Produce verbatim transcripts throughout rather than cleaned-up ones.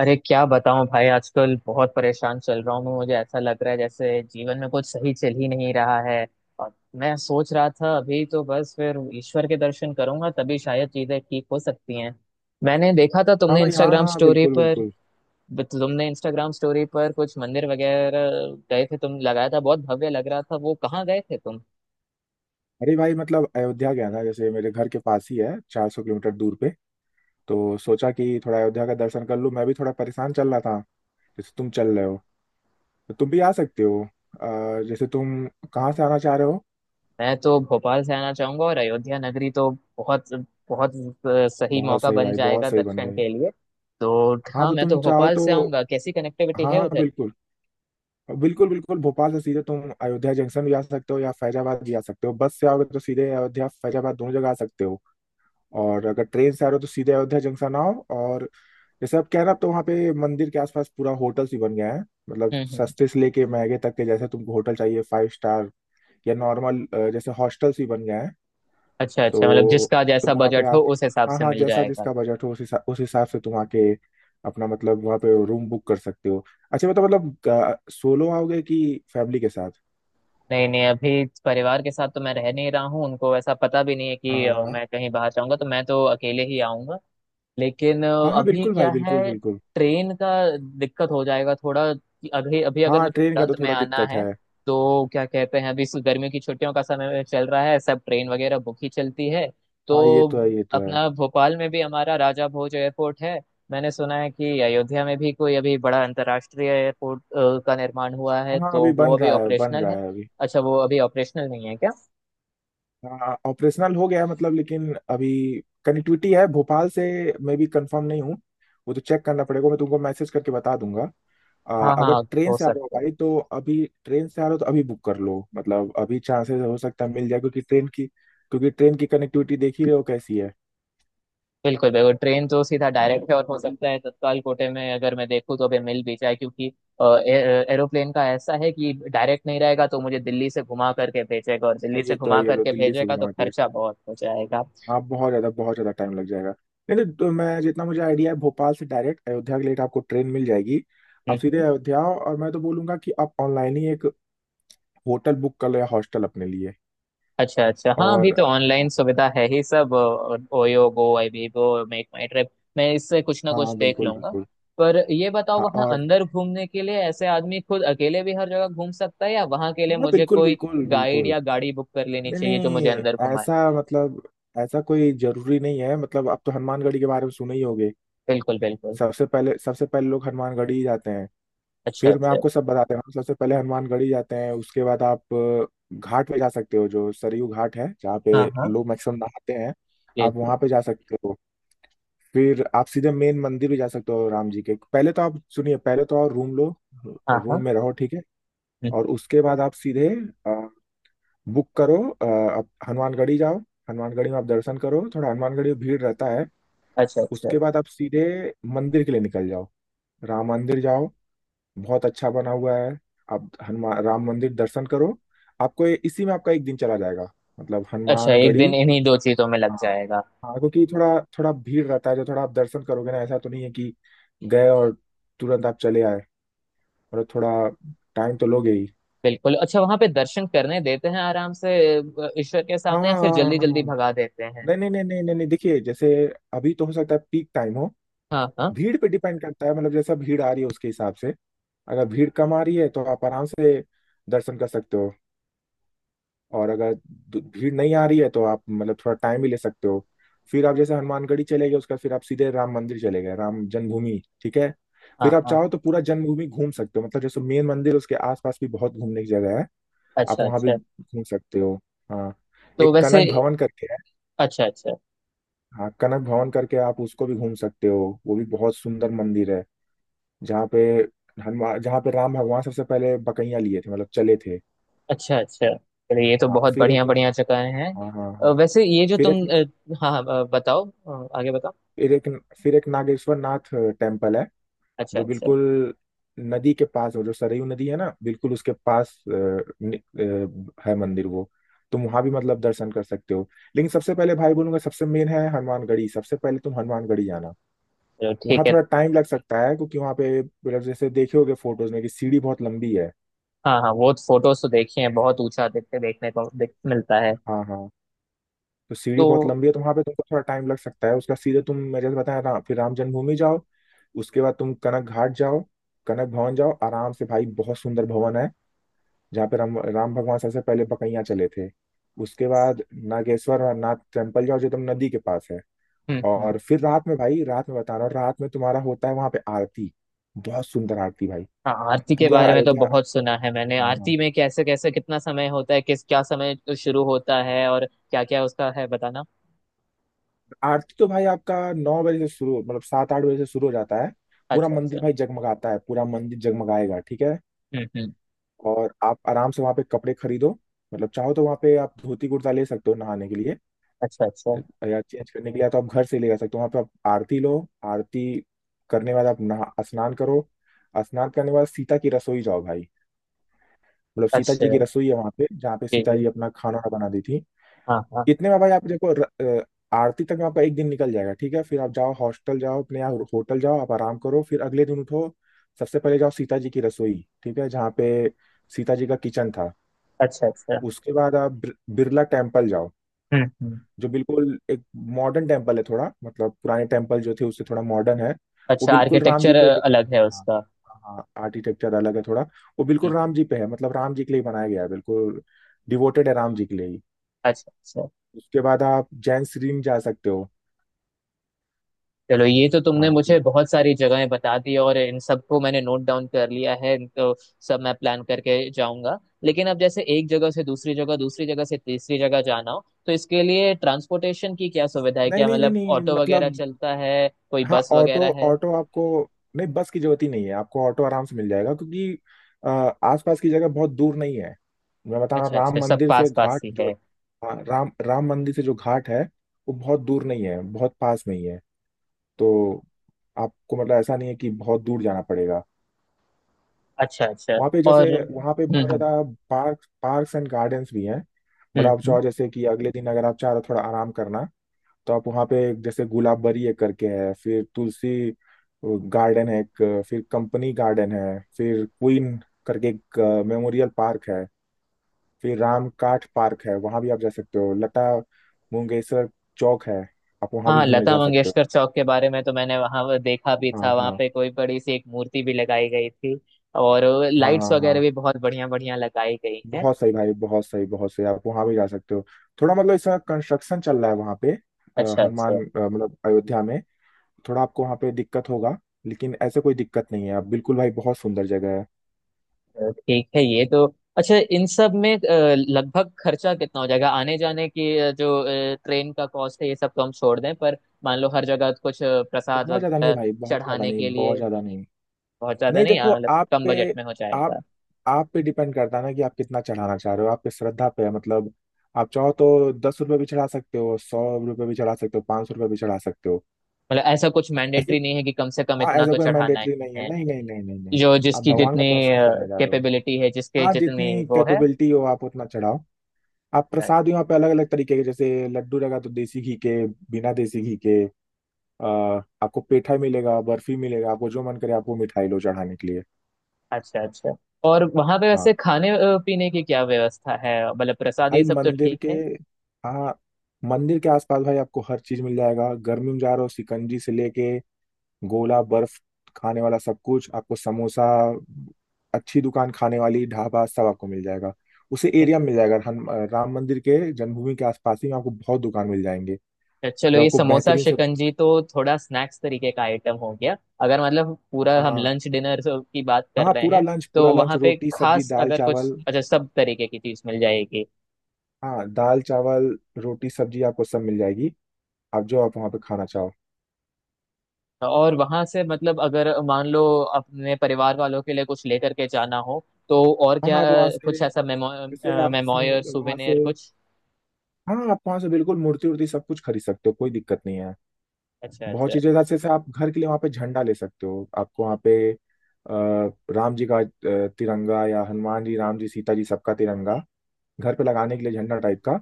अरे क्या बताऊं भाई, आजकल बहुत परेशान चल रहा हूँ मैं। मुझे ऐसा लग रहा है जैसे जीवन में कुछ सही चल ही नहीं रहा है। और मैं सोच रहा था अभी तो बस फिर ईश्वर के दर्शन करूंगा तभी शायद चीजें ठीक हो सकती हैं। मैंने देखा था, हाँ तुमने भाई, हाँ इंस्टाग्राम हाँ, स्टोरी बिल्कुल पर बिल्कुल। तुमने इंस्टाग्राम स्टोरी पर कुछ मंदिर वगैरह गए थे तुम, लगाया था। बहुत भव्य लग रहा था। वो कहाँ गए थे? अरे भाई मतलब अयोध्या गया था, जैसे मेरे घर के पास ही है, चार सौ किलोमीटर दूर पे। तो सोचा कि थोड़ा अयोध्या का दर्शन कर लूँ। मैं भी थोड़ा परेशान चल रहा था जैसे तुम चल रहे हो, तो तुम भी आ सकते हो। अ, जैसे तुम कहाँ से आना चाह रहे हो। मैं तो भोपाल से आना चाहूंगा, और अयोध्या नगरी तो बहुत बहुत सही बहुत मौका सही बन भाई, बहुत जाएगा सही, बन दर्शन गए। के लिए। तो हाँ हाँ, तो मैं तुम तो चाहो भोपाल तो, से आऊंगा। कैसी कनेक्टिविटी हाँ है हाँ उधर? बिल्कुल बिल्कुल। बिल्कुल भोपाल से सीधे तुम अयोध्या जंक्शन भी आ सकते हो या फैजाबाद भी आ सकते हो। बस से आओगे तो सीधे अयोध्या फैजाबाद दोनों जगह आ सकते हो। और अगर ट्रेन से आ रहे हो तो सीधे अयोध्या जंक्शन आओ। और जैसे आप कह रहे हो, अब तो वहाँ पे मंदिर के आसपास पूरा होटल्स ही बन गया है। मतलब हम्म, हम्म। सस्ते से लेके महंगे तक के, जैसे तुमको होटल चाहिए फाइव स्टार या नॉर्मल, जैसे हॉस्टल्स ही बन गए हैं। अच्छा अच्छा, मतलब तो जिसका तुम जैसा वहाँ पे बजट आ, हो उस हिसाब हाँ से हाँ मिल जैसा जाएगा। जिसका बजट हो उस हिसाब उस हिसाब से तुम आके अपना मतलब वहाँ पे रूम बुक कर सकते हो। अच्छा बताओ, मतलब सोलो आओगे कि फैमिली के साथ। नहीं नहीं, अभी परिवार के साथ तो मैं रह नहीं रहा हूँ। उनको ऐसा पता भी नहीं है हाँ कि हाँ अ, हाँ मैं कहीं बाहर जाऊंगा, तो मैं तो अकेले ही आऊंगा। लेकिन अ, हाँ, हाँ अभी बिल्कुल क्या भाई, बिल्कुल है, बिल्कुल। ट्रेन का दिक्कत हो जाएगा थोड़ा, कि अभी अभी अगर हाँ मुझे ट्रेन का तुरंत तो में थोड़ा आना दिक्कत है। है। तो क्या कहते हैं, अभी इस गर्मियों की छुट्टियों का समय चल रहा है, सब ट्रेन वगैरह बुक ही चलती है। हाँ ये तो तो है, ये तो है। अपना भोपाल में भी हमारा राजा भोज एयरपोर्ट है। मैंने सुना है कि अयोध्या में भी कोई अभी बड़ा अंतर्राष्ट्रीय एयरपोर्ट अ, का निर्माण हुआ है, हाँ तो अभी वो बन अभी रहा है, बन ऑपरेशनल रहा है। है अभी। अच्छा, वो अभी ऑपरेशनल नहीं है क्या? हाँ ऑपरेशनल हो गया है मतलब, लेकिन अभी कनेक्टिविटी है भोपाल से मैं भी कंफर्म नहीं हूँ। वो तो चेक करना पड़ेगा, मैं तुमको मैसेज करके बता दूंगा। आ, हाँ अगर हाँ, ट्रेन हो से आ रहे हो सकता है। भाई तो अभी, ट्रेन से आ रहे हो तो अभी बुक कर लो, मतलब अभी चांसेस हो सकता है मिल जाए। क्योंकि ट्रेन की, क्योंकि ट्रेन की कनेक्टिविटी देख ही रहे हो कैसी है। बिल्कुल बिल्कुल, ट्रेन तो सीधा डायरेक्ट है, और हो सकता है तत्काल कोटे में अगर मैं देखूँ तो भी मिल भी जाए, क्योंकि अ, ए- एरोप्लेन का ऐसा है कि डायरेक्ट नहीं रहेगा, तो मुझे दिल्ली से घुमा करके भेजेगा, और आ, दिल्ली से ये तो घुमा है, ये तो करके दिल्ली से भेजेगा तो घुमा के खर्चा बहुत हो जाएगा। हाँ बहुत ज़्यादा, बहुत ज़्यादा टाइम लग जाएगा। नहीं तो तो मैं जितना मुझे आइडिया है, भोपाल से डायरेक्ट अयोध्या के लिए आपको ट्रेन मिल जाएगी। आप हम्म, सीधे हम्म। अयोध्या आओ और मैं तो बोलूंगा कि आप ऑनलाइन ही एक होटल बुक कर लिया हॉस्टल अपने लिए। अच्छा अच्छा, हाँ, अभी और तो ऑनलाइन सुविधा है ही सब। OYO, Goibibo, make my trip, मैं इससे कुछ ना कुछ हाँ देख बिल्कुल लूंगा। बिल्कुल। पर ये बताओ, हाँ, वहाँ और अंदर घूमने के लिए ऐसे आदमी खुद अकेले भी हर जगह घूम सकता है, या वहाँ के लिए हाँ मुझे बिल्कुल कोई बिल्कुल गाइड बिल्कुल। या गाड़ी बुक कर लेनी नहीं चाहिए जो मुझे नहीं, अंदर घुमाए? ऐसा मतलब ऐसा कोई जरूरी नहीं है। मतलब आप तो हनुमानगढ़ी के बारे में सुने ही होगे। बिल्कुल बिल्कुल। सबसे पहले, सबसे पहले लोग हनुमानगढ़ी ही जाते हैं। अच्छा फिर मैं अच्छा। आपको सब बताते हैं। सबसे पहले हनुमानगढ़ी जाते हैं, उसके बाद आप अ, घाट पे जा सकते हो, जो सरयू घाट है जहाँ पे हाँ हाँ, लोग मैक्सिमम नहाते हैं। आप बिल्कुल। वहाँ पे जा सकते हो। फिर आप सीधे मेन मंदिर भी जा सकते हो राम जी के। पहले तो आप सुनिए, पहले तो आप रूम लो, हाँ हाँ। रूम में रहो, ठीक है। हम्म। और उसके बाद आप सीधे अ, बुक करो। अ, आप हनुमानगढ़ी जाओ, हनुमानगढ़ी में आप दर्शन करो, थोड़ा हनुमानगढ़ी में भीड़ रहता है। अच्छा अच्छा। उसके बाद आप सीधे मंदिर के लिए निकल जाओ, राम मंदिर जाओ। बहुत अच्छा बना हुआ है। आप हनुमान राम मंदिर दर्शन करो। आपको ये- इसी में आपका एक दिन चला जाएगा, मतलब अच्छा, एक दिन हनुमानगढ़ी। इन्हीं दो चीजों में लग हाँ, जाएगा। हाँ क्योंकि थोड़ा, थोड़ा भीड़ रहता है। जो थोड़ा आप दर्शन करोगे ना, ऐसा तो नहीं है कि गए और तुरंत आप चले आए। और थोड़ा टाइम तो लोगे ही। बिल्कुल। अच्छा, वहां पे दर्शन करने देते हैं आराम से अ, ईश्वर के हाँ सामने, या हाँ फिर हाँ जल्दी हाँ जल्दी हाँ। भगा देते हैं? नहीं नहीं नहीं नहीं नहीं नहीं, देखिए जैसे अभी तो हो सकता है पीक टाइम हो। हाँ हाँ भीड़ पे डिपेंड करता है, मतलब जैसा भीड़ आ रही है उसके हिसाब से। अगर भीड़ कम आ रही है तो आप आराम से दर्शन कर सकते हो। और अगर दु- भीड़ नहीं आ रही है तो आप मतलब थोड़ा टाइम भी ले सकते हो। फिर आप जैसे हनुमानगढ़ी चले गए, उसके बाद फिर आप सीधे राम मंदिर चले गए, राम जन्मभूमि, ठीक है। हाँ फिर आप हाँ। चाहो तो पूरा जन्मभूमि घूम सकते हो। मतलब जैसे मेन मंदिर, उसके आसपास भी बहुत घूमने की जगह है। आप अच्छा वहां अच्छा। भी घूम सकते हो। हाँ, तो एक वैसे, कनक भवन करके है। अच्छा अच्छा। हाँ, कनक भवन करके आप उसको भी घूम सकते हो, वो भी बहुत सुंदर मंदिर है। जहाँ पे हनुमान, जहाँ पे राम भगवान सबसे पहले बकैया लिए थे, मतलब चले थे। अच्छा अच्छा। चलिए, ये तो हाँ, बहुत फिर बढ़िया एक, बढ़िया जगह हैं। हाँ हाँ अ, हाँ। वैसे ये जो फिर तुम, एक अ, हाँ हाँ, अ, बताओ अ, आगे बताओ। फिर एक फिर एक नागेश्वर नाथ टेम्पल है अच्छा जो अच्छा। बिल्कुल नदी के पास हो, जो सरयू नदी है ना, बिल्कुल उसके पास अ, नि- अ, है मंदिर वो। तुम वहां भी मतलब दर्शन कर सकते हो। लेकिन सबसे पहले भाई बोलूंगा सबसे मेन है हनुमानगढ़ी, सबसे पहले तुम हनुमानगढ़ी जाना। चलो ठीक वहाँ है। थोड़ा टाइम लग सकता है क्योंकि वहाँ पे मतलब जैसे देखे होगे फोटोज में कि सीढ़ी बहुत लंबी है। हाँ हाँ, वो फोटोज तो देखे हैं, बहुत ऊंचा देखते देखने को देख, मिलता है। हाँ हाँ, तो सीढ़ी तो बहुत लंबी है, तो वहाँ पे तुमको थोड़ा टाइम लग सकता है उसका। सीधे तुम, मैं जैसे बताया ना, फिर राम जन्मभूमि जाओ, उसके बाद तुम कनक घाट जाओ, कनक भवन जाओ आराम से भाई, बहुत सुंदर भवन है, जहाँ पे राम, राम भगवान सबसे पहले पकैया चले थे। उसके बाद नागेश्वर नाथ टेम्पल जाओ जो एकदम नदी के पास है। हम्म हम्म। और फिर रात में भाई, रात में बता रहा हूँ, रात में तुम्हारा होता है वहां पे आरती। बहुत सुंदर आरती भाई, हाँ, आरती के पूरा बारे में तो अयोध्या। बहुत सुना है मैंने। हाँ हाँ, आरती में कैसे कैसे कितना समय होता है, किस क्या समय तो शुरू होता है, और क्या क्या उसका है, बताना। आरती तो भाई आपका नौ बजे से शुरू, मतलब सात आठ बजे से शुरू हो जाता है। पूरा अच्छा अच्छा। मंदिर भाई जगमगाता है, पूरा मंदिर जगमगाएगा, ठीक है। हम्म हम्म। और आप आराम से वहाँ पे कपड़े खरीदो, मतलब चाहो तो वहाँ पे आप धोती कुर्ता ले सकते हो नहाने के लिए अच्छा अच्छा। या चेंज करने के लिए, या तो आप घर से ले जा सकते हो। वहाँ पे आप आरती लो, आरती करने के बाद आप नहा, स्नान करो। स्नान करने के बाद सीता की रसोई जाओ भाई। मतलब सीता अच्छा जी की रसोई है वहाँ पे, जहाँ पे ठीक सीता है। जी अपना खाना वाना बना दी थी। हाँ हाँ। इतने में भाई आप देखो र- अ, आरती तक में आपका एक दिन निकल जाएगा, ठीक है। फिर आप जाओ हॉस्टल जाओ अपने, यहाँ होटल जाओ, आप आराम करो। फिर अगले दिन उठो, सबसे पहले जाओ सीता जी की रसोई, ठीक है, जहाँ पे सीता जी का किचन था। अच्छा अच्छा। उसके बाद आप बिर- बिरला टेम्पल जाओ हम्म हम्म। जो बिल्कुल एक मॉडर्न टेम्पल है थोड़ा। मतलब पुराने टेम्पल जो थे उससे थोड़ा मॉडर्न है। वो अच्छा, बिल्कुल राम जी आर्किटेक्चर पे डिपेंड, अलग है हाँ उसका। हाँ आर्किटेक्चर अलग है थोड़ा। वो बिल्कुल हम्म। राम जी पे है, मतलब राम जी के लिए बनाया गया है बिल्कुल, डिवोटेड है राम जी के लिए ही। अच्छा अच्छा। उसके बाद आप जैन श्रीन जा सकते हो। चलो, ये तो तुमने मुझे हाँ बहुत सारी जगहें बता दी, और इन सबको मैंने नोट डाउन कर लिया है, तो सब मैं प्लान करके जाऊंगा। लेकिन अब जैसे एक जगह से दूसरी जगह, दूसरी जगह से तीसरी जगह जाना हो, तो इसके लिए ट्रांसपोर्टेशन की क्या सुविधा है? नहीं क्या नहीं नहीं मतलब नहीं, ऑटो मतलब वगैरह चलता है, कोई हाँ बस ऑटो वगैरह है? ऑटो आपको, नहीं बस की जरूरत ही नहीं है, आपको ऑटो आराम से मिल जाएगा क्योंकि अ, आसपास की जगह बहुत दूर नहीं है। मैं बता रहा हूँ, अच्छा राम अच्छा, सब मंदिर से पास पास घाट ही जो, है। हाँ, राम राम मंदिर से जो घाट है वो बहुत दूर नहीं है, बहुत पास में ही है। तो आपको मतलब ऐसा नहीं है कि बहुत दूर जाना पड़ेगा। अच्छा अच्छा। वहाँ पे जैसे, और वहाँ पे हम्म बहुत हम्म। ज़्यादा पार्क, पार्क्स एंड गार्डन्स भी हैं। मतलब हम्म आप हम्म। चाहो, जैसे कि अगले दिन अगर आप चाह रहे हो थोड़ा आराम करना, तो आप वहाँ पे जैसे गुलाबबरी एक करके है, फिर तुलसी गार्डन है एक, फिर कंपनी गार्डन है, फिर क्वीन करके एक मेमोरियल पार्क है, फिर राम काठ पार्क है, वहाँ भी आप जा सकते हो। लता मंगेशकर चौक है, आप वहाँ भी हाँ, घूमने लता जा सकते हो। मंगेशकर चौक के बारे में तो मैंने वहां देखा भी हाँ था, वहां हाँ पे कोई बड़ी सी एक मूर्ति भी लगाई गई थी। और हाँ लाइट्स हाँ वगैरह हाँ, भी बहुत बढ़िया बढ़िया लगाई गई हैं। बहुत सही भाई, बहुत सही बहुत सही। आप वहाँ भी जा सकते हो। थोड़ा मतलब इस समय कंस्ट्रक्शन चल रहा है वहाँ पे, अ, अच्छा हनुमान अच्छा। अ, मतलब अयोध्या में थोड़ा आपको वहाँ पे दिक्कत होगा। लेकिन ऐसे कोई दिक्कत नहीं है, आप बिल्कुल भाई, बहुत सुंदर जगह है। अ, ठीक है, ये तो, अच्छा इन सब में अ, लगभग खर्चा कितना हो जाएगा? आने जाने की अ, जो अ, ट्रेन का कॉस्ट है ये सब तो हम छोड़ दें, पर मान लो हर जगह कुछ अ, प्रसाद बहुत ज्यादा नहीं वगैरह भाई, बहुत ज्यादा चढ़ाने नहीं, के बहुत लिए, ज्यादा नहीं। बहुत ज्यादा नहीं नहीं, देखो अ, मतलब आप कम पे बजट में हो आप जाएगा? आप पे डिपेंड करता है ना, कि आप कितना चढ़ाना चाह रहे हो, आपकी श्रद्धा पे है। मतलब आप चाहो तो दस रुपये भी चढ़ा सकते हो, सौ रुपये भी चढ़ा सकते हो, पाँच सौ रुपये भी चढ़ा सकते हो। मतलब ऐसा कुछ ऐसे, मैंडेटरी नहीं है कि कम से कम हाँ इतना ऐसा तो कोई चढ़ाना मैंडेटरी ही नहीं है, है? नहीं नहीं नहीं नहीं नहीं। जो आप जिसकी भगवान का जितनी दर्शन करने जा रहे हो, कैपेबिलिटी है, जिसके हाँ जितनी जितनी वो है। कैपेबिलिटी हो आप उतना चढ़ाओ। आप प्रसाद भी वहाँ पे अलग अलग तरीके के, जैसे लड्डू लगा तो देसी घी के, बिना देसी घी के। अ, आपको पेठा मिलेगा, बर्फी मिलेगा, आपको जो मन करे आपको मिठाई लो चढ़ाने के लिए। अच्छा अच्छा। और वहां पे हाँ वैसे खाने अ, पीने की क्या व्यवस्था है? मतलब प्रसाद ये भाई सब तो मंदिर ठीक के, है, हाँ मंदिर के आसपास भाई आपको हर चीज मिल जाएगा। गर्मी में जा रहे हो, शिकंजी से लेके गोला बर्फ खाने वाला सब कुछ, आपको समोसा, अच्छी दुकान खाने वाली ढाबा, सब आपको मिल जाएगा। उसे एक- एरिया में मिल जाएगा, हम राम मंदिर के, जन्मभूमि के आसपास ही में आपको बहुत दुकान मिल जाएंगे, चलो जो ये आपको समोसा बेहतरीन से। शिकंजी तो थोड़ा स्नैक्स तरीके का आइटम हो गया। अगर मतलब पूरा हम हाँ लंच डिनर की बात कर हाँ, रहे पूरा हैं, लंच, पूरा तो लंच वहां पे रोटी सब्जी खास दाल अगर कुछ चावल। अच्छा, सब तरीके की चीज मिल जाएगी? हाँ दाल चावल रोटी सब्जी आपको सब मिल जाएगी, आप जो आप वहाँ पे खाना चाहो। और वहां से मतलब अगर मान लो अपने परिवार वालों के लिए कुछ लेकर के जाना हो, तो और क्या? हाँ आप वहाँ अ, से, कुछ ऐसा मेमो जैसे आप मेमोयर, वहां से, सुवेनियर कुछ। हाँ आप वहां से बिल्कुल मूर्ति उर्ति सब कुछ खरीद सकते हो, कोई दिक्कत नहीं है। अच्छा बहुत अच्छा। चीजें जैसे, जैसे आप घर के लिए वहां पे झंडा ले सकते हो। आपको वहां पे अ, राम जी का अ, तिरंगा, या हनुमान जी राम जी सीता जी सबका तिरंगा, घर पे लगाने के लिए झंडा टाइप का,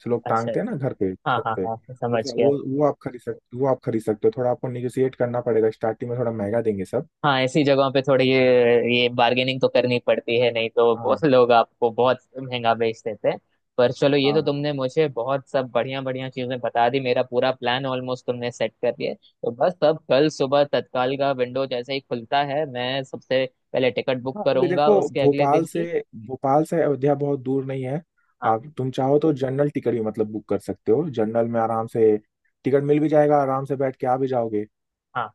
जो लोग अच्छा टांगते हैं ना अच्छा। घर पे हाँ छत हाँ पे। हाँ, वो समझ गया। वो वो आप खरीद सकते वो आप खरीद सकते हो। थोड़ा आपको निगोशिएट करना पड़ेगा, स्टार्टिंग में थोड़ा महंगा देंगे सब। हाँ, ऐसी जगहों पे थोड़ी ये, ये बार्गेनिंग तो करनी पड़ती है, नहीं तो बहुत हाँ लोग आपको बहुत महंगा बेच देते हैं। पर चलो, हाँ ये तो हाँ। तुमने मुझे बहुत सब बढ़िया बढ़िया चीजें बता दी, मेरा पूरा प्लान ऑलमोस्ट तुमने सेट कर दिया है। तो बस अब कल सुबह तत्काल का विंडो जैसे ही खुलता है, मैं सबसे पहले टिकट बुक हाँ अभी करूंगा देखो, उसके अगले दिन भोपाल से की। भोपाल से अयोध्या बहुत दूर नहीं है। हाँ आप, तुम चाहो तो जनरल टिकट भी मतलब बुक कर सकते हो, जनरल में आराम से टिकट मिल भी जाएगा, आराम से बैठ के आ भी जाओगे। हाँ।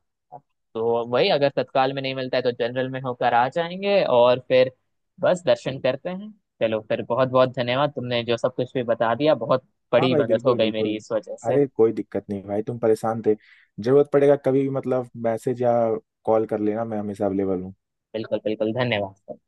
तो वही हाँ अगर तत्काल में नहीं मिलता है तो जनरल में होकर आ जाएंगे, और फिर बस दर्शन करते हैं। चलो फिर, बहुत बहुत धन्यवाद, तुमने जो सब कुछ भी बता दिया बहुत हाँ बड़ी भाई मदद हो बिल्कुल गई बिल्कुल। मेरी इस वजह से। अरे कोई दिक्कत नहीं भाई, तुम परेशान थे। जरूरत पड़ेगा कभी भी मतलब मैसेज या कॉल कर लेना, मैं हमेशा अवेलेबल हूँ। बिल्कुल बिल्कुल, धन्यवाद।